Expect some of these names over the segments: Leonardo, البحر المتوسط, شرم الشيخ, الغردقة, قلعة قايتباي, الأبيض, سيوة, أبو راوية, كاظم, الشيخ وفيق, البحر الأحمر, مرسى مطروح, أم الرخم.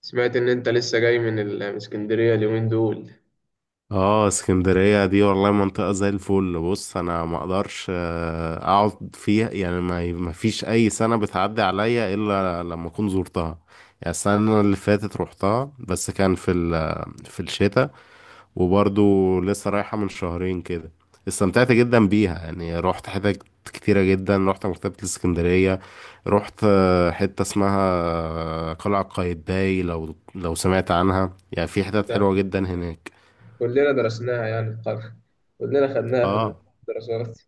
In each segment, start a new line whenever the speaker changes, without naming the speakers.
سمعت إن أنت لسه جاي من اسكندرية اليومين دول.
اه اسكندرية دي والله منطقة زي الفل. بص انا ما اقدرش اقعد فيها يعني ما فيش اي سنة بتعدي عليا الا لما اكون زرتها. يعني السنة اللي فاتت روحتها بس كان في الشتاء. وبرضو لسه رايحة من شهرين كده. استمتعت جدا بيها يعني روحت حتت كتيرة جدا. روحت مكتبة الاسكندرية. روحت حتة اسمها قلعة قايتباي. لو سمعت عنها، يعني في
أكيد
حتت
ده،
حلوة جدا هناك.
كلنا درسناها يعني كلنا خدناها في
اه.
الدراسات.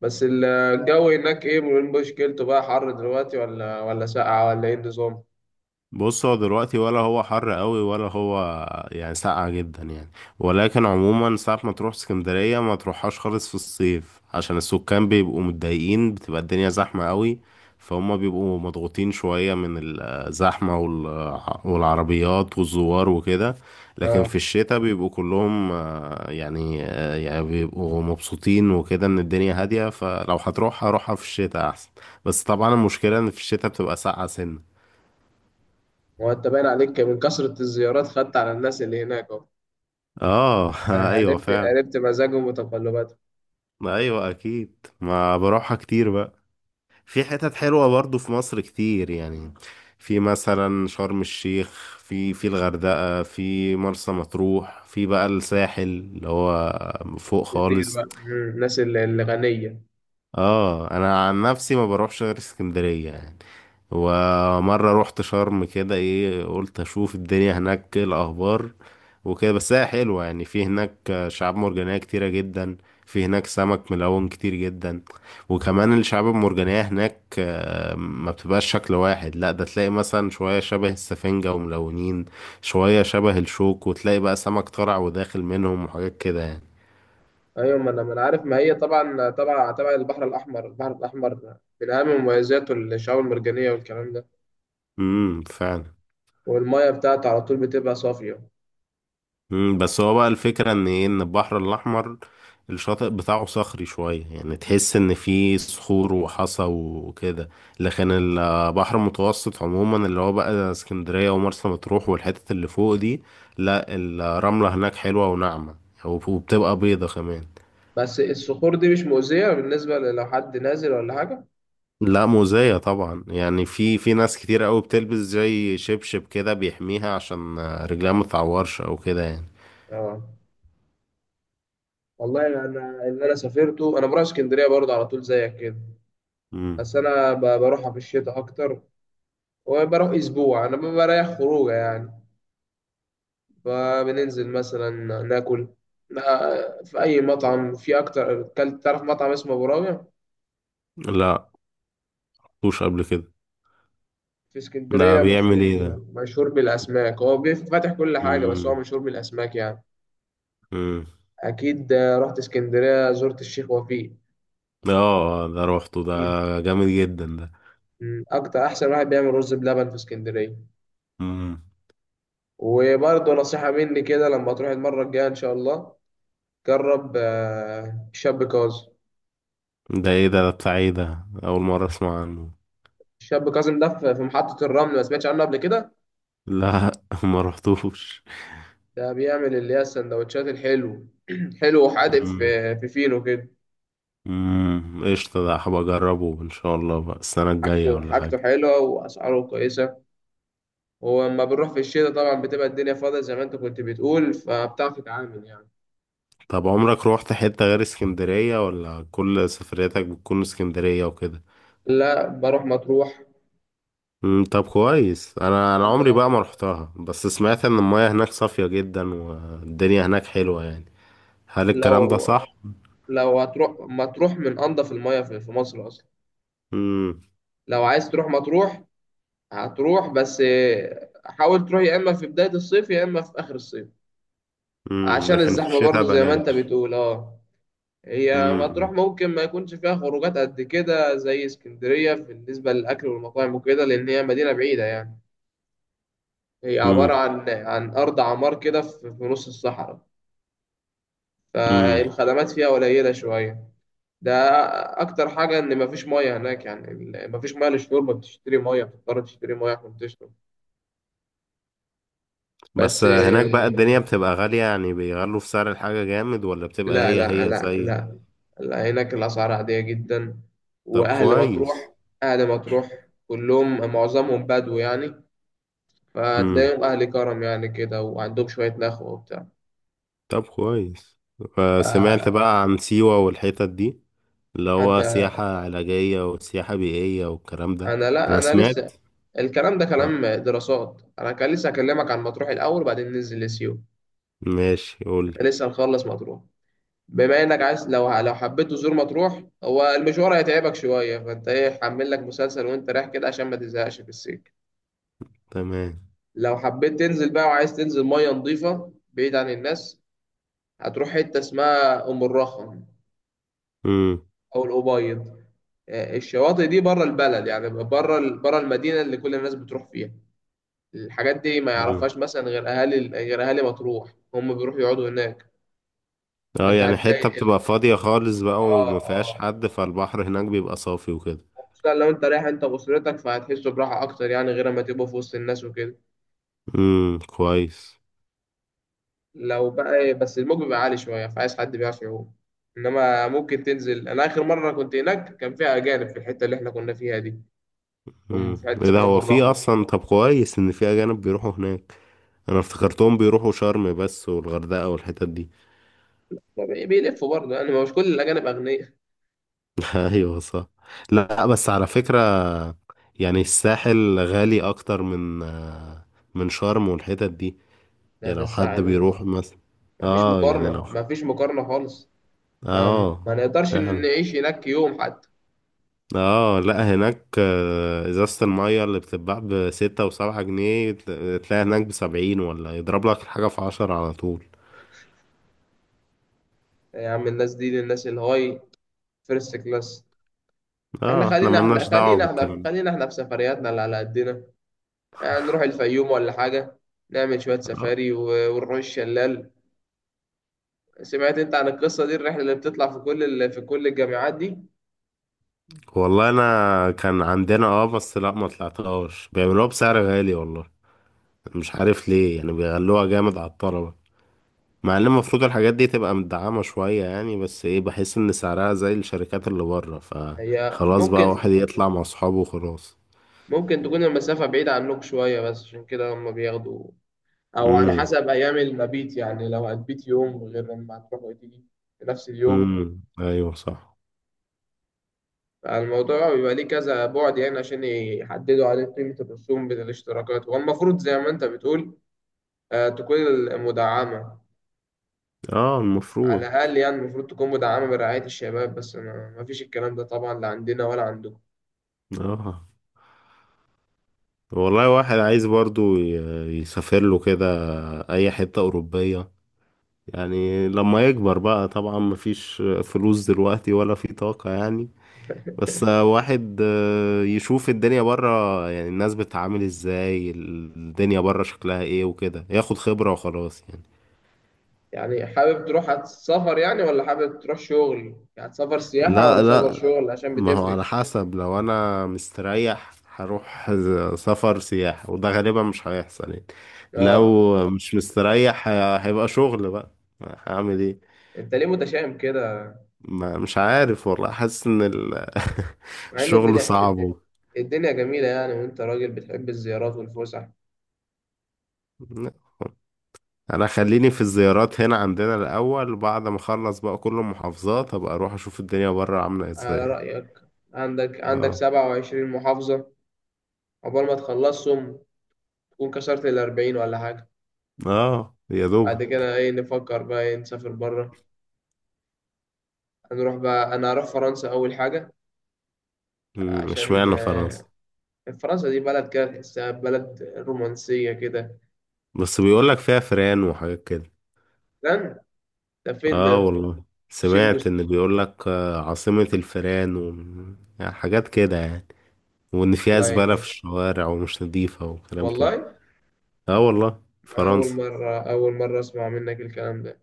بس الجو هناك إيه من مشكلته بقى؟ حر دلوقتي ولا ساقعة ولا إيه النظام؟
بص هو دلوقتي ولا هو حر قوي ولا هو يعني ساقع جدا يعني. ولكن عموما ساعة ما تروح اسكندرية ما تروحهاش خالص في الصيف، عشان السكان بيبقوا متضايقين، بتبقى الدنيا زحمة قوي. فهم بيبقوا مضغوطين شوية من الزحمة والعربيات والزوار وكده. لكن
آه.
في الشتاء بيبقوا كلهم يعني بيبقوا مبسوطين وكده، ان الدنيا هادية. فلو هتروح هروحها في الشتاء احسن. بس طبعا المشكلة ان في الشتاء بتبقى ساقعة سنة.
هو أنت باين عليك من كثرة الزيارات، خدت على الناس اللي هناك أهو.
اه ايوه
عرفت
فعلا.
عرفت مزاجهم وتقلباتهم.
ما ايوه اكيد. ما بروحها كتير بقى. في حتت حلوه برضو في مصر كتير يعني. في مثلا شرم الشيخ، في الغردقه، في مرسى مطروح، في بقى الساحل اللي هو فوق
كتير
خالص.
بقى. الناس الغنية.
اه انا عن نفسي ما بروحش غير اسكندرية يعني. ومرة رحت شرم كده، ايه قلت اشوف الدنيا هناك إيه الاخبار وكده. بس هي حلوة يعني. في هناك شعاب مرجانية كتيرة جدا. في هناك سمك ملون كتير جدا. وكمان الشعاب المرجانية هناك ما بتبقاش شكل واحد، لا ده تلاقي مثلا شوية شبه السفنجة وملونين، شوية شبه الشوك، وتلاقي بقى سمك طالع وداخل منهم وحاجات كده يعني.
أيوة، ما أنا عارف، ما هي طبعا طبعا تبع البحر الأحمر. البحر الأحمر من أهم مميزاته الشعاب المرجانية والكلام ده.
فعلا.
والمية بتاعته على طول بتبقى صافية.
بس هو بقى الفكرة ان ايه، ان البحر الاحمر الشاطئ بتاعه صخري شوية، يعني تحس ان فيه صخور وحصى وكده. لكن البحر المتوسط عموما اللي هو بقى اسكندرية ومرسى مطروح والحتت اللي فوق دي، لا الرملة هناك حلوة وناعمة وبتبقى بيضة كمان.
بس الصخور دي مش مؤذية بالنسبة لو حد نازل ولا حاجة؟
لا مؤذية طبعا يعني، في ناس كتير قوي بتلبس زي شبشب كده بيحميها عشان رجلها متعورش او كده يعني.
اه. والله أنا اللي أنا سافرته، أنا بروح اسكندرية برضه على طول زيك كده.
مم.
بس أنا بروحها في الشتاء أكتر. وبروح أسبوع، أنا بريح خروجة يعني. فبننزل مثلا، ناكل في أي مطعم. في أكتر، كلت تعرف مطعم اسمه أبو راوية؟
لا مش قبل كده.
في
ده
اسكندرية
بيعمل
مشهور
ايه ده.
مشهور بالأسماك، هو فاتح كل حاجة بس هو
امم.
مشهور بالأسماك يعني.
امم.
أكيد، رحت اسكندرية زرت الشيخ وفيق.
اه ده روحته ده.
أكيد.
جامد جدا ده.
مم. أكتر، أحسن واحد بيعمل رز بلبن في اسكندرية.
امم.
وبرضه نصيحة مني كده، لما تروح المرة الجاية إن شاء الله جرب الشاب كاظم.
ده ايه ده بتاع ايه ده، اول مره اسمع عنه.
الشاب كاظم ده في محطة الرمل، ما سمعتش عنه قبل كده؟
لا ما رحتوش.
ده بيعمل اللي هي السندوتشات الحلو. حلو وحادق،
امم.
في فينو كده.
قشطه، ده هبقى اجربه ان شاء الله بقى السنه الجايه
حاجته
ولا حاجه.
حاجته حلوة وأسعاره كويسة. ولما بنروح في الشتاء طبعا بتبقى الدنيا فاضية زي ما أنت كنت بتقول، فبتعرف تتعامل يعني.
طب عمرك روحت حته غير اسكندريه، ولا كل سفرياتك بتكون اسكندريه وكده؟
لا، بروح مطروح.
طب كويس. انا عمري بقى ما رحتها، بس سمعت ان المياه هناك صافيه جدا والدنيا هناك حلوه يعني. هل الكلام ده
لو
صح؟
لو هتروح مطروح، من انضف المياه في مصر اصلا. لو عايز تروح مطروح هتروح، بس حاول تروح يا اما في بداية الصيف يا اما في اخر الصيف، عشان
لكن في
الزحمة
الشتاء
برضو زي ما انت
بلاش.
بتقول. اه. هي مطروح
امم.
ممكن ما يكونش فيها خروجات قد كده زي اسكندرية بالنسبة للأكل والمطاعم وكده، لأن هي مدينة بعيدة يعني. هي عبارة
امم.
عن أرض عمار كده في نص الصحراء.
امم
فالخدمات فيها قليلة شوية. ده اكتر حاجه، ان مفيش ميه هناك يعني، مفيش ميه للشرب، بتشتري ميه، بتضطر تشتري ميه عشان تشرب.
بس
بس
هناك بقى الدنيا بتبقى غالية يعني، بيغلوا في سعر الحاجة جامد، ولا بتبقى
لا
هي
لا
هي
لا
زي.
لا، لا هناك الاسعار عاديه جدا.
طب
واهل
كويس.
مطروح اهل مطروح كلهم معظمهم بدو يعني،
امم
فتلاقيهم اهل كرم يعني كده، وعندهم شويه نخوه وبتاع.
طب كويس. سمعت
آه،
بقى عن سيوة والحتت دي، اللي
انت،
هو سياحة علاجية وسياحة بيئية والكلام ده.
انا لا
أنا
انا
سمعت.
لسه. الكلام ده
آه.
كلام دراسات، انا كان لسه اكلمك عن مطروح الاول وبعدين ننزل لسيوه.
ماشي قولي.
لسه نخلص مطروح. بما انك عايز، لو حبيت تزور مطروح، هو المشوار هيتعبك شويه، فانت ايه حمل لك مسلسل وانت رايح كده عشان ما تزهقش في السكه.
تمام.
لو حبيت تنزل بقى وعايز تنزل ميه نظيفه بعيد عن الناس، هتروح حته اسمها ام الرخم
امم.
او الابيض. الشواطئ دي بره البلد يعني بره بره المدينه اللي كل الناس بتروح فيها. الحاجات دي ما
امم.
يعرفهاش مثلا غير اهالي مطروح، هم بيروحوا يقعدوا هناك.
اه
فانت
يعني حتة
هتلاقي
بتبقى فاضية خالص بقى
اه
وما فيهاش
آه.
حد، فالبحر هناك بيبقى صافي وكده.
خصوصا لو انت رايح انت واسرتك فهتحسوا براحه اكتر يعني، غير ما تبقوا في وسط الناس وكده.
كويس.
لو بقى بس الموج بيبقى عالي شويه، فعايز حد بيعرف يعوم. انما ممكن تنزل، انا اخر مره كنت هناك كان فيها اجانب في الحته اللي احنا كنا فيها دي. هم في حته
ايه ده،
اسمها ام
هو في
الرخم.
اصلا؟ طب كويس ان في اجانب بيروحوا هناك. انا افتكرتهم بيروحوا شرم بس والغردقة والحتت دي.
بيلفوا برضه يعني، ما مش كل الاجانب اغنياء.
ايوه صح. لا بس على فكرة، يعني الساحل غالي اكتر من من شرم والحتت دي.
ده
يعني
ده
لو حد
الساعه.
بيروح مثلا،
ما فيش
اه يعني لو.
مقارنه، ما فيش مقارنه خالص. ما, ما
اه
نقدرش
فعلا.
نعيش هناك يوم حتى.
اه لا هناك ازازة المية اللي بتتباع بستة وسبعة جنيه، تلاقي هناك بسبعين، ولا يضرب لك الحاجة في عشرة على طول.
يا عم، الناس دي الناس الهاي، فيرست كلاس. احنا
اه احنا
خلينا احنا
ملناش دعوة
خلينا احنا
بالكلام ده.
خلينا احنا في سفرياتنا اللي على قدنا. نروح الفيوم ولا حاجة، نعمل شوية
آه.
سفاري ونروح الشلال. سمعت انت عن القصة دي، الرحلة اللي بتطلع في كل ال... في كل الجامعات دي؟
والله انا كان عندنا اه، بس لا ما طلعتهاش، بيعملوها بسعر غالي والله. مش عارف ليه يعني بيغلوها جامد على الطلبة، مع ان المفروض الحاجات دي تبقى مدعمة شوية يعني. بس ايه، بحس ان سعرها زي الشركات اللي بره،
هي
فخلاص بقى
ممكن
واحد يطلع مع اصحابه وخلاص.
ممكن تكون المسافة بعيدة عنك شوية بس عشان كده هم بياخدوا، أو على
امم.
حسب أيام المبيت يعني، لو هتبيت يوم غير لما هتروح وتيجي في نفس اليوم.
ايوه صح.
فالموضوع بيبقى ليه كذا بعد يعني، عشان يحددوا عليه قيمة الرسوم بين الاشتراكات. هو المفروض زي ما انت بتقول تكون المدعمة،
اه
على
المفروض.
الأقل يعني. المفروض تكون مدعمة برعاية الشباب، بس ما فيش الكلام ده طبعا لا عندنا ولا عندكم.
اه والله واحد عايز برضو يسافر له كده اي حتة اوروبية، يعني لما يكبر بقى طبعا، مفيش فلوس دلوقتي ولا في طاقة يعني. بس واحد يشوف الدنيا برا يعني، الناس بتتعامل ازاي، الدنيا برا شكلها ايه وكده، ياخد خبرة وخلاص يعني.
يعني حابب تروح، هتسافر يعني ولا حابب تروح شغل؟ يعني هتسافر سياحة ولا
لا
سفر
لا.
شغل، عشان
ما هو
بتفرق.
على حسب، لو انا مستريح هروح، سفر سياحة، وده غالبا مش هيحصل يعني.
اه.
لو مش مستريح، هيبقى شغل بقى. هعمل ايه.
انت ليه متشائم كده؟
ما مش عارف والله، حاسس ان
مع ان
الشغل
الدنيا
صعب
الدنيا جميلة يعني، وانت راجل بتحب الزيارات والفسح.
انا خليني في الزيارات هنا عندنا الاول، بعد ما اخلص بقى كل المحافظات ابقى اروح اشوف الدنيا بره عاملة
على
ازاي.
رأيك. عندك
اه.
27 محافظة، عقبال ما تخلصهم تكون كسرت ال 40 ولا حاجة.
اه يا
بعد
دوبك.
كده ايه؟ نفكر بقى ايه، نسافر بره. هنروح بقى، انا هروح فرنسا اول حاجة. عشان
اشمعنى فرنسا؟
فرنسا دي بلد كده تحسها بلد رومانسية كده.
بس بيقولك فيها فران وحاجات كده.
لن، ده فين
اه
ده؟
والله،
شيف
سمعت
جوست.
ان بيقول لك عاصمة الفيران و... يعني حاجات كده يعني، وان فيها زبالة في
والله،
الشوارع ومش نظيفة وكلام كده.
والله،
اه والله
أول
فرنسا.
مرة، أول مرة أسمع منك الكلام ده.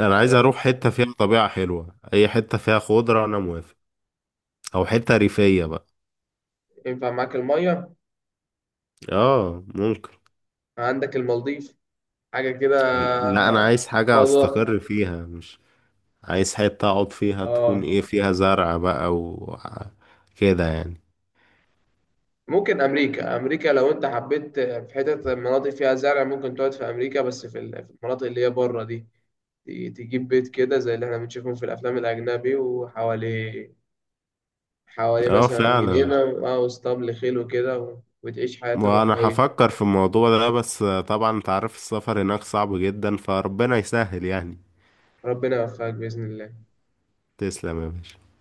انا عايز
على،
اروح حتة فيها طبيعة حلوة، اي حتة فيها خضرة انا موافق. او حتة ريفية بقى.
ينفع معاك المية؟
اه ممكن.
عندك المالديف، حاجة كده.
لا انا
آه،
عايز حاجة
فضاء.
استقر فيها، مش عايز حتة اقعد فيها تكون
آه.
ايه فيها زرع بقى و كده يعني.
ممكن أمريكا لو أنت حبيت في حتة مناطق فيها زرع ممكن تقعد في أمريكا، بس في في المناطق اللي هي بره دي. ت- تجيب بيت كده زي اللي احنا بنشوفهم في الأفلام الأجنبي وحواليه، حوالي
اه
مثلا
فعلا.
جنينة أو اسطبل خيل وكده وتعيش حياة
وانا
الرفاهية.
هفكر في الموضوع ده، بس طبعا انت عارف السفر هناك صعب جدا فربنا يسهل يعني.
ربنا يوفقك بإذن الله.
تسلم يا باشا.